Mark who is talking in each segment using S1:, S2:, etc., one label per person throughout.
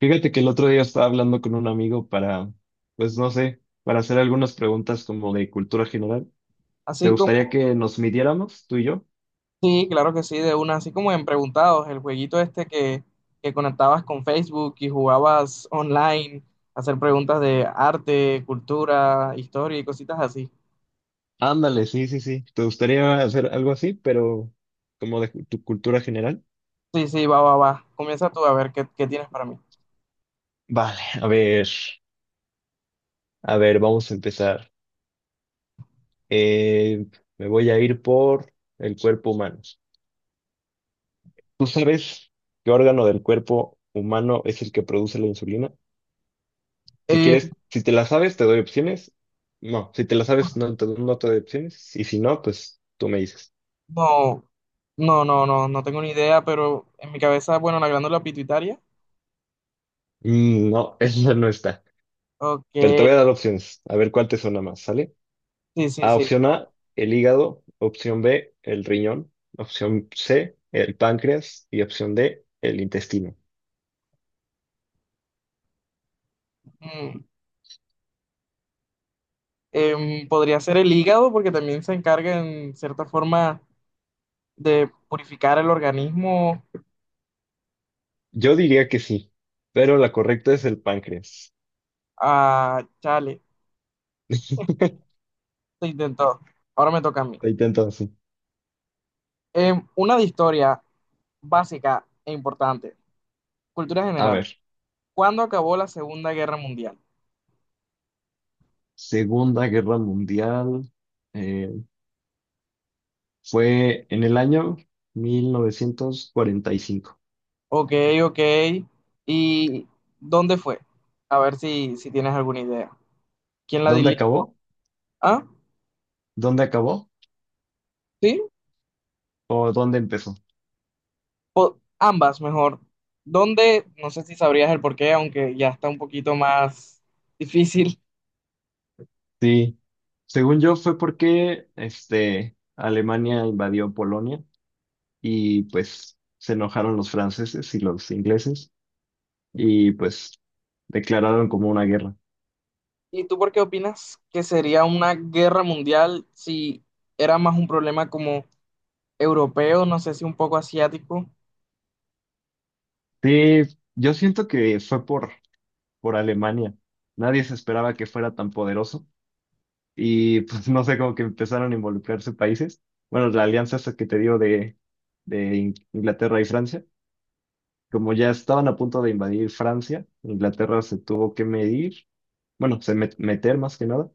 S1: Fíjate que el otro día estaba hablando con un amigo para, pues no sé, para hacer algunas preguntas como de cultura general. ¿Te
S2: Así como,
S1: gustaría que nos midiéramos, tú y yo?
S2: sí, claro que sí, de una, así como en Preguntados, el jueguito este que conectabas con Facebook y jugabas online, hacer preguntas de arte, cultura, historia y cositas así.
S1: Ándale, sí, sí, sí. ¿Te gustaría hacer algo así, pero como de tu cultura general?
S2: Sí, sí, va, va, va. Comienza tú a ver qué tienes para mí.
S1: Vale, a ver, vamos a empezar. Eh, Me voy a ir por el cuerpo humano. ¿Tú sabes qué órgano del cuerpo humano es el que produce la insulina? Si
S2: Eh,
S1: quieres, si te la sabes, te doy opciones. No, si te la sabes, no te doy opciones. Y si no, pues tú me dices.
S2: no, no, no, no, no tengo ni idea, pero en mi cabeza, bueno, la glándula pituitaria.
S1: Mm, no, esa no está.
S2: Ok,
S1: Pero te voy a dar opciones. A ver cuál te suena más, ¿sale?
S2: sí, sí,
S1: A,
S2: sí.
S1: opción A, el hígado. Opción B, el riñón. Opción C, el páncreas. Y opción D, el intestino.
S2: Mm, podría ser el hígado, porque también se encarga en cierta forma de purificar el organismo.
S1: Yo diría que sí, pero la correcta es el páncreas.
S2: Ah, chale, se intentó. Ahora me toca a mí.
S1: Ahí está entonces.
S2: Una de historia básica e importante. Cultura
S1: A
S2: general.
S1: ver,
S2: ¿Cuándo acabó la Segunda Guerra Mundial?
S1: Segunda Guerra Mundial. eh, Fue en el año 1945.
S2: Ok, ok. ¿Y dónde fue? A ver si tienes alguna idea. ¿Quién la
S1: ¿Dónde
S2: dirige?
S1: acabó?
S2: Ah,
S1: ¿Dónde acabó?
S2: sí,
S1: ¿O dónde empezó?
S2: ambas mejor. ¿Dónde? No sé si sabrías el porqué, aunque ya está un poquito más difícil.
S1: Sí, según yo fue porque Alemania invadió Polonia y pues se enojaron los franceses y los ingleses y pues declararon como una guerra.
S2: ¿Y tú por qué opinas que sería una guerra mundial si era más un problema como europeo, no sé si un poco asiático?
S1: Sí, yo siento que fue por Alemania. Nadie se esperaba que fuera tan poderoso y pues no sé, como que empezaron a involucrarse países. Bueno, la alianza esa que te digo de Inglaterra y Francia, como ya estaban a punto de invadir Francia, Inglaterra se tuvo que medir, bueno, se meter más que nada.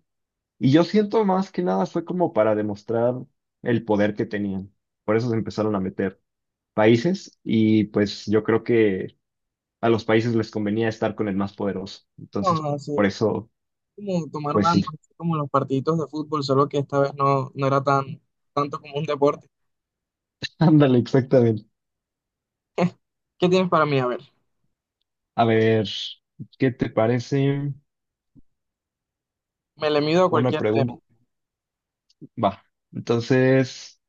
S1: Y yo siento más que nada fue como para demostrar el poder que tenían. Por eso se empezaron a meter países y pues yo creo que a los países les convenía estar con el más poderoso. Entonces,
S2: No,
S1: por
S2: así
S1: eso,
S2: como tomar
S1: pues
S2: bandas,
S1: sí.
S2: así como los partiditos de fútbol, solo que esta vez no, no era tan tanto como un deporte.
S1: Ándale, exactamente.
S2: ¿Qué tienes para mí? A ver,
S1: A ver, ¿qué te parece
S2: me le mido a
S1: una
S2: cualquier tema,
S1: pregunta? Va, entonces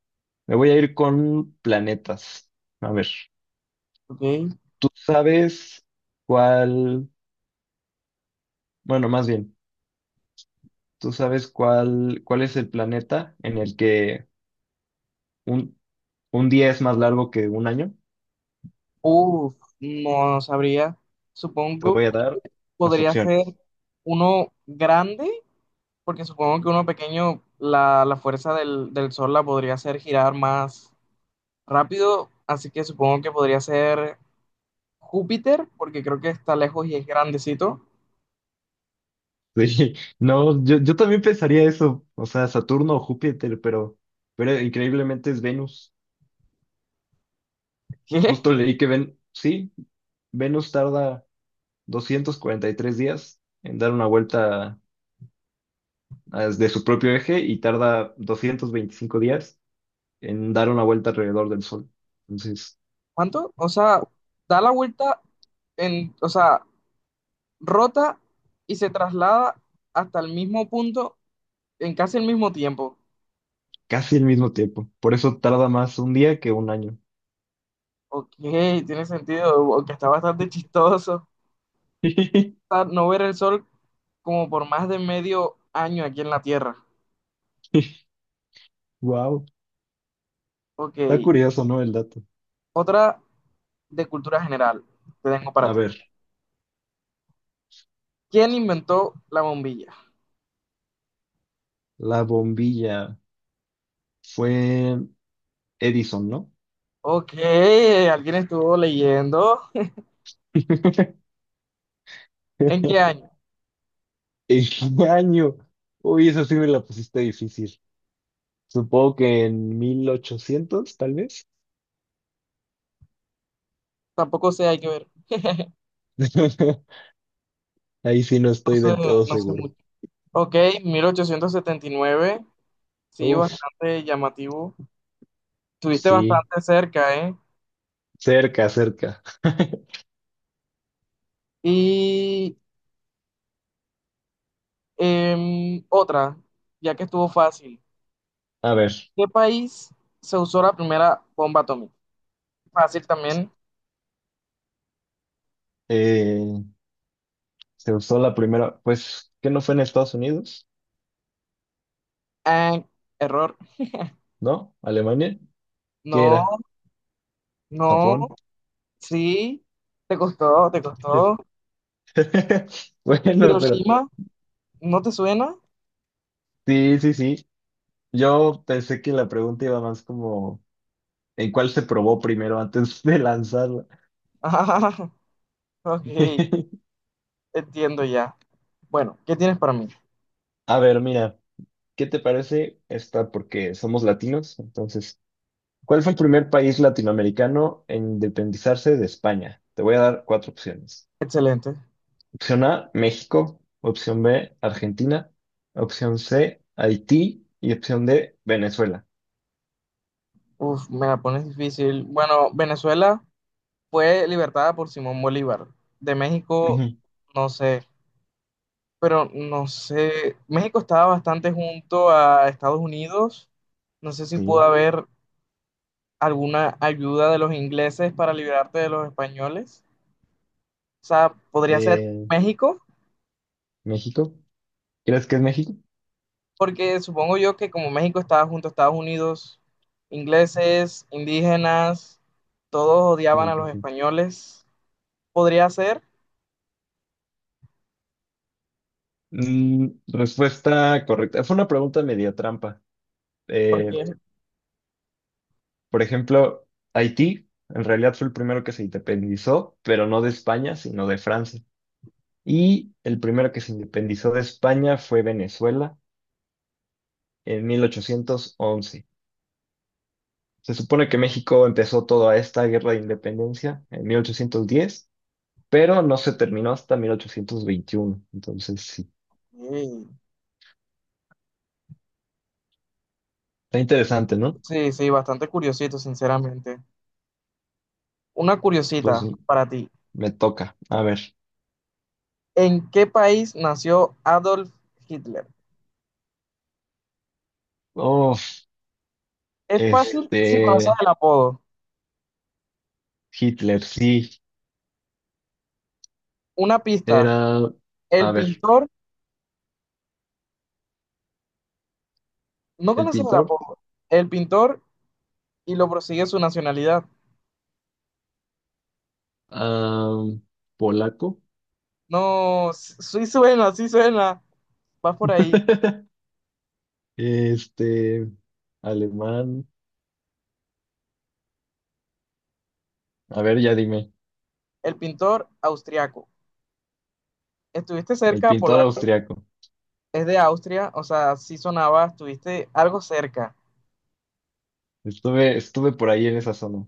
S1: me voy a ir con planetas. A ver,
S2: ¿ok?
S1: ¿tú sabes cuál, bueno, más bien, ¿tú sabes cuál es el planeta en el que un, un día es más largo que un año?
S2: Uf, no sabría.
S1: Te
S2: Supongo
S1: voy a
S2: que
S1: dar las
S2: podría ser
S1: opciones.
S2: uno grande, porque supongo que uno pequeño, la fuerza del Sol la podría hacer girar más rápido, así que supongo que podría ser Júpiter, porque creo que está lejos y es grandecito.
S1: Sí, no, yo también pensaría eso, o sea, Saturno o Júpiter, pero increíblemente es Venus.
S2: ¿Qué?
S1: Justo leí que sí, Venus tarda 243 días en dar una vuelta, de su propio eje y tarda 225 días en dar una vuelta alrededor del Sol. Entonces,
S2: ¿Cuánto? O sea, da la vuelta en, o sea, rota y se traslada hasta el mismo punto en casi el mismo tiempo.
S1: casi el mismo tiempo. Por eso tarda más un día que un año.
S2: Ok, tiene sentido, que está bastante chistoso. O sea, no ver el sol como por más de medio año aquí en la Tierra.
S1: Wow,
S2: Ok,
S1: está curioso, ¿no? El dato.
S2: otra de cultura general te tengo para
S1: A
S2: ti.
S1: ver,
S2: ¿Quién inventó la bombilla?
S1: la bombilla fue Edison, ¿no?
S2: Ok, alguien estuvo leyendo. ¿En qué año?
S1: ¿En qué año? Uy, eso sí me la pusiste difícil. Supongo que en 1800 tal vez.
S2: Tampoco sé, hay que ver.
S1: Ahí sí no
S2: No
S1: estoy
S2: sé,
S1: del todo
S2: no sé.
S1: seguro.
S2: Ok, 1879, sí,
S1: Uf,
S2: bastante llamativo. Estuviste
S1: sí,
S2: bastante cerca, ¿eh?
S1: cerca, cerca.
S2: Y otra, ya que estuvo fácil.
S1: A ver,
S2: ¿Qué país se usó la primera bomba atómica? Fácil también.
S1: eh, se usó la primera, pues, ¿qué no fue en Estados Unidos?
S2: Ah, error.
S1: ¿No? ¿Alemania? ¿Qué era?
S2: No, no,
S1: ¿Japón?
S2: sí. Te costó, te costó.
S1: Bueno, pero
S2: Hiroshima, ¿no te suena?
S1: sí, sí, sí. Yo pensé que la pregunta iba más como, ¿en cuál se probó primero antes de lanzarla?
S2: Ah, ok, entiendo ya. Bueno, ¿qué tienes para mí?
S1: A ver, mira, ¿qué te parece esta? Porque somos latinos, entonces... ¿Cuál fue el primer país latinoamericano en independizarse de España? Te voy a dar cuatro opciones.
S2: Excelente.
S1: Opción A, México. Opción B, Argentina. Opción C, Haití. Y opción D, Venezuela.
S2: Uf, me la pones difícil. Bueno, Venezuela fue libertada por Simón Bolívar. De México,
S1: Ujú.
S2: no sé, pero no sé, México estaba bastante junto a Estados Unidos, no sé si pudo
S1: Sí.
S2: haber alguna ayuda de los ingleses para liberarte de los españoles. O sea, podría ser
S1: eh,
S2: México,
S1: ¿México? ¿Crees que es México?
S2: porque supongo yo que como México estaba junto a Estados Unidos, ingleses, indígenas, todos odiaban
S1: Sí,
S2: a
S1: sí,
S2: los
S1: sí.
S2: españoles. Podría ser,
S1: Mm, respuesta correcta. Fue una pregunta media trampa. Eh,
S2: porque
S1: por ejemplo, Haití en realidad fue el primero que se independizó, pero no de España, sino de Francia. Y el primero que se independizó de España fue Venezuela en 1811. Se supone que México empezó toda esta guerra de independencia en 1810, pero no se terminó hasta 1821. Entonces, sí,
S2: sí,
S1: está interesante, ¿no?
S2: sí, sí, bastante curiosito, sinceramente. Una
S1: Pues
S2: curiosita para ti.
S1: me toca. A ver.
S2: ¿En qué país nació Adolf Hitler?
S1: Oh,
S2: Es fácil si conoces
S1: este,
S2: el apodo.
S1: Hitler, sí,
S2: Una pista.
S1: era,
S2: El
S1: a ver,
S2: pintor, no
S1: el
S2: conoces el
S1: pintor,
S2: apodo. El pintor y lo prosigue su nacionalidad.
S1: ah, polaco,
S2: No, sí suena, sí suena. Vas por ahí.
S1: este, alemán. A ver, ya dime.
S2: El pintor austriaco. Estuviste
S1: El
S2: cerca,
S1: pintor
S2: polaco.
S1: austriaco.
S2: Es de Austria, o sea, sí sonaba, estuviste algo cerca.
S1: Estuve por ahí en esa zona.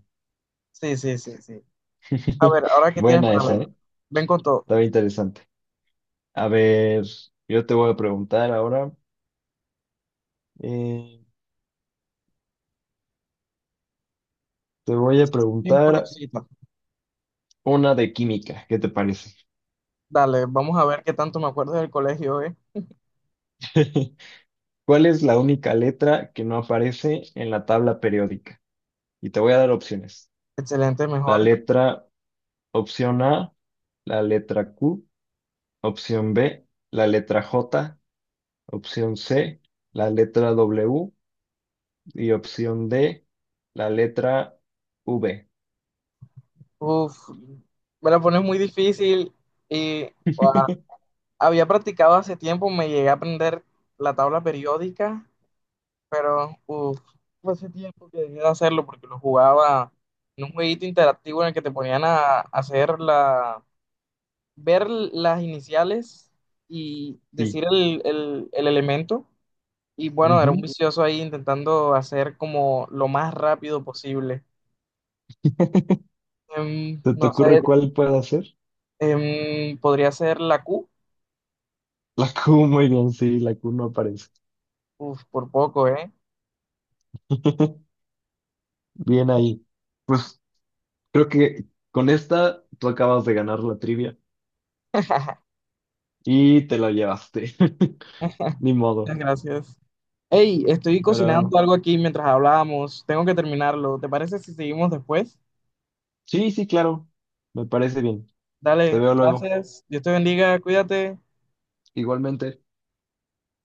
S2: Sí, sí, sí, sí. A ver, ahora qué tienes
S1: Buena
S2: para
S1: esa,
S2: mí.
S1: ¿eh?
S2: Ven con todo.
S1: Estaba interesante. A ver, yo te voy a preguntar ahora. eh, Te voy a
S2: Bien
S1: preguntar
S2: curiosita.
S1: una de química. ¿Qué te parece?
S2: Dale, vamos a ver qué tanto me acuerdo del colegio, ¿eh?
S1: ¿Cuál es la única letra que no aparece en la tabla periódica? Y te voy a dar opciones.
S2: Excelente,
S1: La
S2: mejor.
S1: letra, opción A, la letra Q, opción B, la letra J, opción C, la letra W, y opción D, la letra V.
S2: Uf, me la pones muy difícil y ah, había practicado hace tiempo, me llegué a aprender la tabla periódica, pero uf, fue hace tiempo que dejé de hacerlo porque lo jugaba en un jueguito interactivo en el que te ponían a hacer la, ver las iniciales y
S1: Sí.
S2: decir el elemento. Y bueno, era un
S1: Ujú.
S2: vicioso ahí intentando hacer como lo más rápido posible. Em,
S1: ¿Se te
S2: no sé,
S1: ocurre cuál puede ser?
S2: podría ser la Q.
S1: La Q, muy bien, sí, la Q no aparece.
S2: Uf, por poco, ¿eh?
S1: Bien ahí. Pues creo que con esta tú acabas de ganar la trivia y te la llevaste. Ni modo.
S2: Muchas gracias. Hey, estoy
S1: Pero
S2: cocinando algo aquí mientras hablábamos. Tengo que terminarlo. ¿Te parece si seguimos después?
S1: sí, sí, claro. Me parece bien. Te
S2: Dale,
S1: veo luego.
S2: gracias. Dios te bendiga, cuídate.
S1: Igualmente.